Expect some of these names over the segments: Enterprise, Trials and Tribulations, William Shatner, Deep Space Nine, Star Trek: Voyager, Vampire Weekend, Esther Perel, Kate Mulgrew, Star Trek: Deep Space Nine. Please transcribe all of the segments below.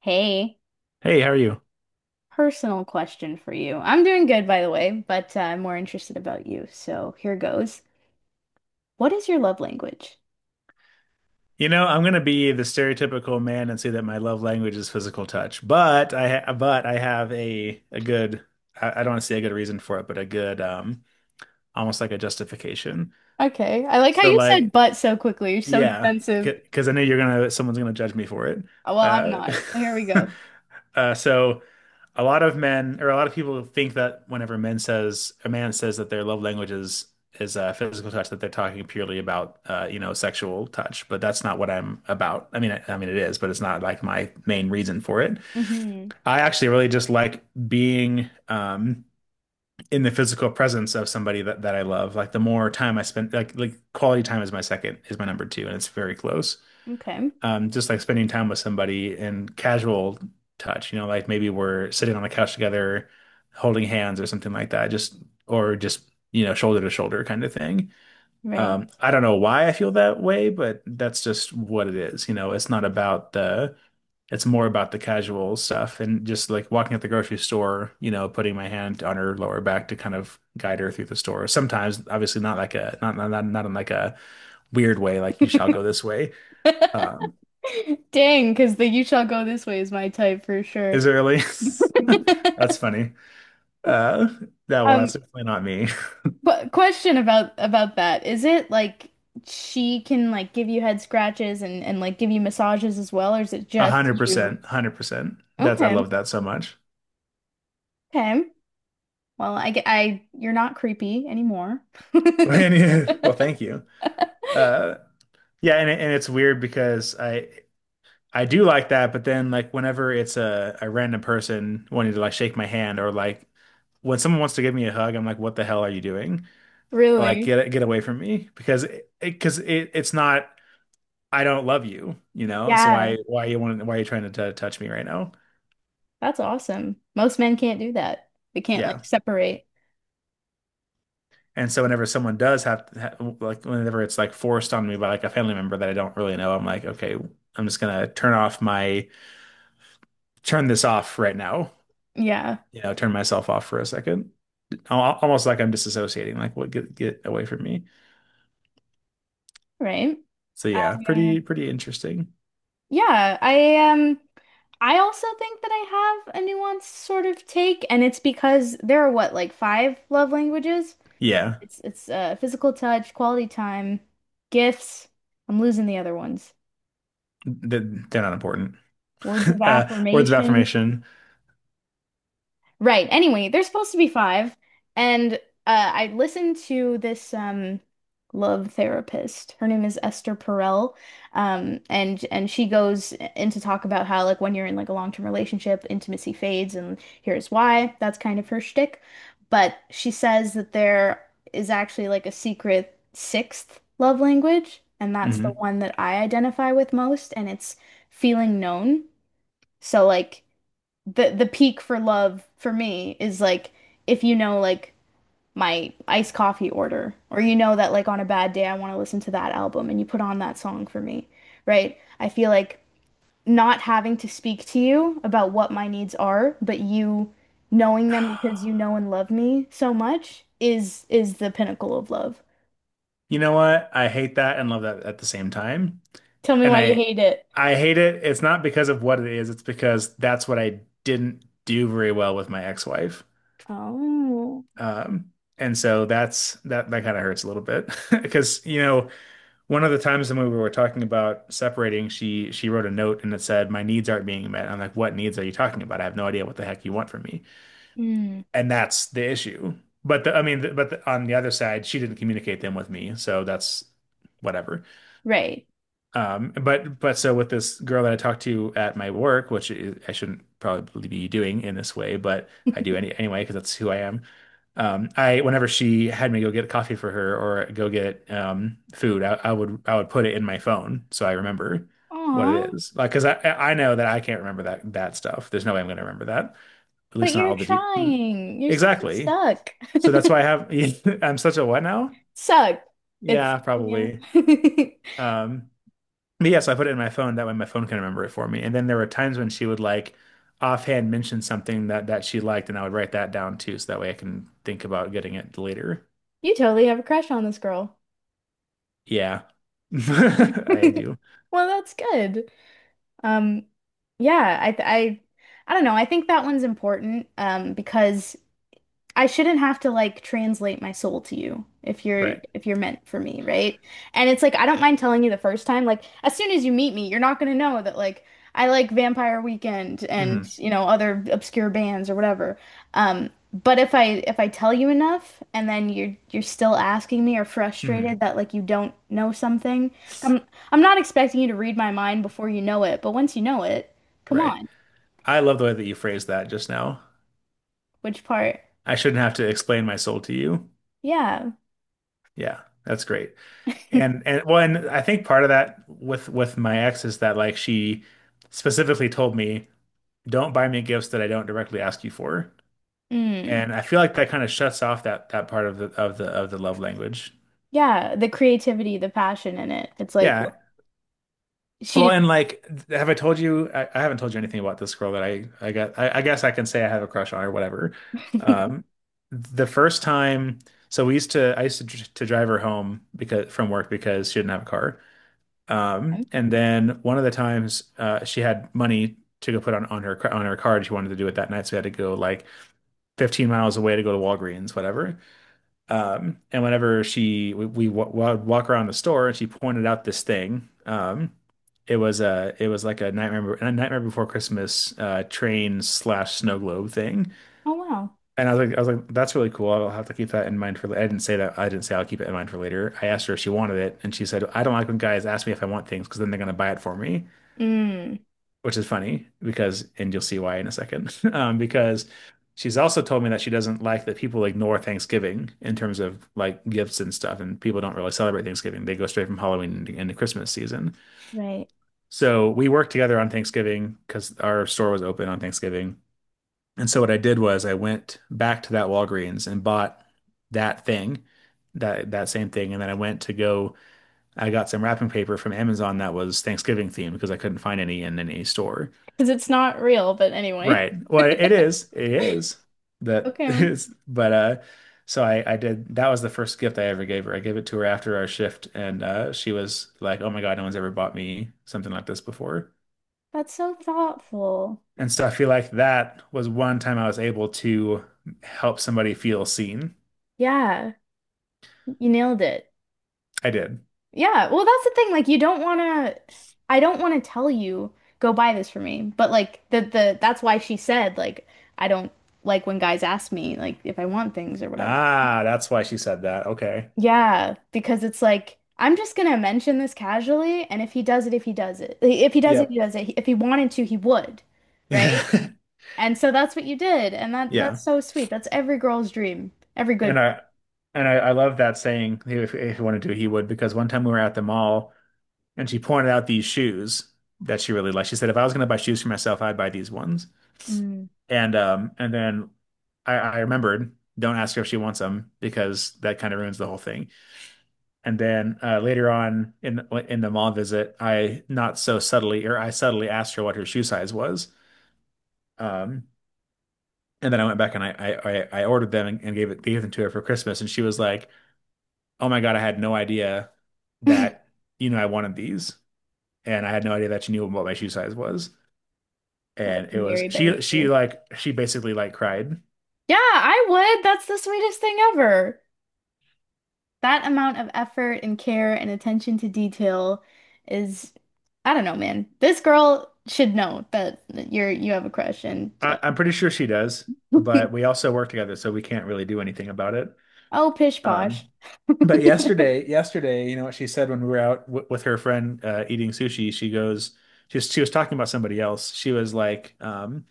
Hey, Hey, how are you? personal question for you. I'm doing good, by the way, but I'm more interested about you. So here goes. What is your love language? You know, I'm gonna be the stereotypical man and say that my love language is physical touch, but I ha but I have a good I don't want to say a good reason for it, but a good almost like a justification. Okay, I like how So you said like, but so quickly. You're so yeah, defensive. because I know you're gonna someone's gonna judge me for it. Oh, well, I'm Uh, not. Here we go. so a lot of men or a lot of people think that whenever men says a man says that their love language is physical touch that they're talking purely about you know sexual touch but that's not what I'm about I mean it is but it's not like my main reason for it. Hmm. I actually really just like being in the physical presence of somebody that I love. Like the more time I spend, like, quality time is my second, is my number two, and it's very close. Okay. Just like spending time with somebody and casual touch, you know, like maybe we're sitting on the couch together, holding hands or something like that, just or just, you know, shoulder to shoulder kind of thing. Right. I don't know why I feel that way, but that's just what it is. You know, it's not about it's more about the casual stuff and just like walking at the grocery store, you know, putting my hand on her lower back to kind of guide her through the store. Sometimes, obviously, not in like a weird way, like you shall go this way. Um, Dang, because the you shall go this way is my type for sure. Is early. That's funny. Uh, that well, that's Um, definitely not me. qu question about that. Is it like she can like give you head scratches and like give you massages as well, or is it A just hundred you? percent, 100%. That's, I Okay. love that so much. Okay. Well, I get I you're not creepy anymore. And, yeah, well, thank you. Uh, yeah, and it's weird because I do like that, but then, like, whenever it's a random person wanting to like shake my hand or like when someone wants to give me a hug, I'm like, what the hell are you doing? Like, Really? Get away from me because it's not. I don't love you, you know. So Yeah, why you want, why are you trying to t touch me right now? that's awesome. Most men can't do that. They can't Yeah. like separate. And so whenever someone does have, ha like whenever it's like forced on me by like a family member that I don't really know, I'm like, okay, I'm just gonna turn this off right now. Yeah, You know, turn myself off for a second. Almost like I'm disassociating, like what, get away from me. right. So yeah, Yeah. Pretty interesting. Yeah, I I also think that I have a nuanced sort of take, and it's because there are what, like five love languages? Yeah, It's physical touch, quality time, gifts. I'm losing the other ones. th- they're not important. Words of words of affirmation. affirmation. Right. Anyway, there's supposed to be five, and I listened to this love therapist. Her name is Esther Perel, and she goes in to talk about how like when you're in like a long-term relationship, intimacy fades, and here's why. That's kind of her shtick. But she says that there is actually like a secret sixth love language, and that's the Mhm. one that I identify with most, and it's feeling known. So like the peak for love for me is like if you know like my iced coffee order or you know that like on a bad day I want to listen to that album and you put on that song for me, right? I feel like not having to speak to you about what my needs are, but you knowing them because you know and love me so much is the pinnacle of love. You know what? I hate that and love that at the same time. Tell me And why you hate it. I hate it. It's not because of what it is, it's because that's what I didn't do very well with my ex-wife. Oh. Um, and so that's that kind of hurts a little bit. Because you know, one of the times when we were talking about separating, she wrote a note and it said, "My needs aren't being met." I'm like, "What needs are you talking about? I have no idea what the heck you want from me." Mm, And that's the issue. But the, I mean, the, but the, on the other side, she didn't communicate them with me, so that's whatever. right. But so with this girl that I talked to at my work, which is, I shouldn't probably be doing in this way, but I do anyway because that's who I am. I Whenever she had me go get coffee for her or go get food, I would put it in my phone so I remember what Aw, it is. Like because I know that I can't remember that stuff. There's no way I'm gonna remember that. At least but not you're all trying. You're such a exactly. suck. So that's why I have I'm such a what now? Sucked. It's Yeah, yeah. probably. Um, but yeah, so I put it in my phone. That way my phone can remember it for me. And then there were times when she would like offhand mention something that she liked, and I would write that down too, so that way I can think about getting it later. You totally have a crush on this girl. Yeah. I do. Well, that's good. Um, yeah, I don't know. I think that one's important, because I shouldn't have to like translate my soul to you if you're Right. if you're meant for me, right? And it's like I don't mind telling you the first time, like as soon as you meet me, you're not gonna know that like I like Vampire Weekend and Hmm. you know other obscure bands or whatever. But if I tell you enough and then you're still asking me or frustrated Hmm. that like you don't know something, I'm I'm not expecting you to read my mind before you know it, but once you know it, come Right. on, I love the way that you phrased that just now. which part? I shouldn't have to explain my soul to you. Yeah. Yeah, that's great. And and well, and I think part of that with my ex is that, like, she specifically told me, don't buy me gifts that I don't directly ask you for. Mm. And I feel like that kind of shuts off that part of the love language. Yeah, the creativity, the passion in it. It's like Yeah. Well, she and like, have I told you? I haven't told you anything about this girl that I got. I guess I can say I have a crush on or whatever. didn't. Um, the first time, so we used to I used to drive her home because from work because she didn't have a car. And then one of the times, she had money to go put on her car- on her card. She wanted to do it that night, so we had to go like 15 miles away to go to Walgreens, whatever. And whenever she we w walk around the store and she pointed out this thing, it was a, it was like a Nightmare Before Christmas train slash snow globe thing. Oh wow. And I was like, that's really cool. I'll have to keep that in mind for. I didn't say that. I didn't say I'll keep it in mind for later. I asked her if she wanted it, and she said I don't like when guys ask me if I want things because then they're gonna buy it for me, Mm, which is funny because, and you'll see why in a second, because she's also told me that she doesn't like that people ignore Thanksgiving in terms of like gifts and stuff, and people don't really celebrate Thanksgiving. They go straight from Halloween into, Christmas season. right. So we worked together on Thanksgiving because our store was open on Thanksgiving. And so what I did was I went back to that Walgreens and bought that thing, that same thing, and then I went to go. I got some wrapping paper from Amazon that was Thanksgiving themed because I couldn't find any in any store. Because it's not real, but anyway. Right. Well, it is. It is that Okay. is. But so I did. That was the first gift I ever gave her. I gave it to her after our shift, and she was like, "Oh my God, no one's ever bought me something like this before." That's so thoughtful. And so I feel like that was one time I was able to help somebody feel seen. Yeah, you nailed it. I did. Yeah, well, that's the thing. Like, you don't want to, I don't want to tell you, go buy this for me. But like the that's why she said like I don't like when guys ask me like if I want things or whatever. Ah, that's why she said that. Okay. Yeah, because it's like I'm just gonna mention this casually, and if he does it, like, if he does it, he Yep. does it. If he wanted to, he would, right? And so that's what you did, and that Yeah. that's so sweet. That's every girl's dream, every And good. I and I love that saying. If you want to do, he would. Because one time we were at the mall. And she pointed out these shoes that she really liked. She said, if I was going to buy shoes for myself, I'd buy these ones. Mm. And um, and then I remembered, don't ask her if she wants them because that kind of ruins the whole thing. And then later on in the mall visit, I not so subtly or I subtly asked her what her shoe size was. Um, and then I went back and I ordered them, and gave it gave them to her for Christmas, and she was like, "Oh my God, I had no idea that you know I wanted these, and I had no idea that you knew what my shoe size was." And it was, Legendary she behavior. like, she basically like cried. Yeah, I would. That's the sweetest thing ever. That amount of effort and care and attention to detail is, I don't know, man. This girl should know that you have a crush, and I'm pretty sure she does, uh, but we also work together, so we can't really do anything about it. Oh, pish Um, posh. but I yesterday, you know what she said when we were out w with her friend eating sushi? She goes, she was talking about somebody else. She was like,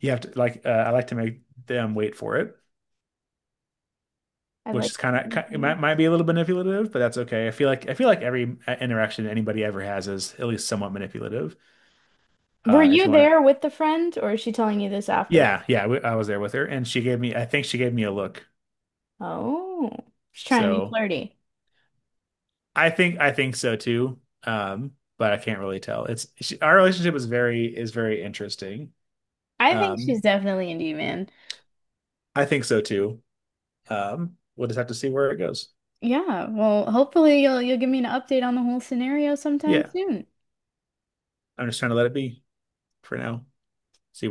you have to like I like to make them wait for it, which like is kind making of, it my might be foot. a little manipulative, but that's okay. I feel like every interaction anybody ever has is at least somewhat manipulative. Were If you you want to. there with the friend or is she telling you this afterward? Yeah, yeah, I was there with her, and she gave me, I think she gave me a look. Oh, she's trying to be So flirty. I think so too. But I can't really tell. Our relationship is very, interesting. I think she's Um, definitely into you, man. I think so too. We'll just have to see where it goes. Yeah, well, hopefully you'll give me an update on the whole scenario sometime Yeah, soon. I'm just trying to let it be for now. See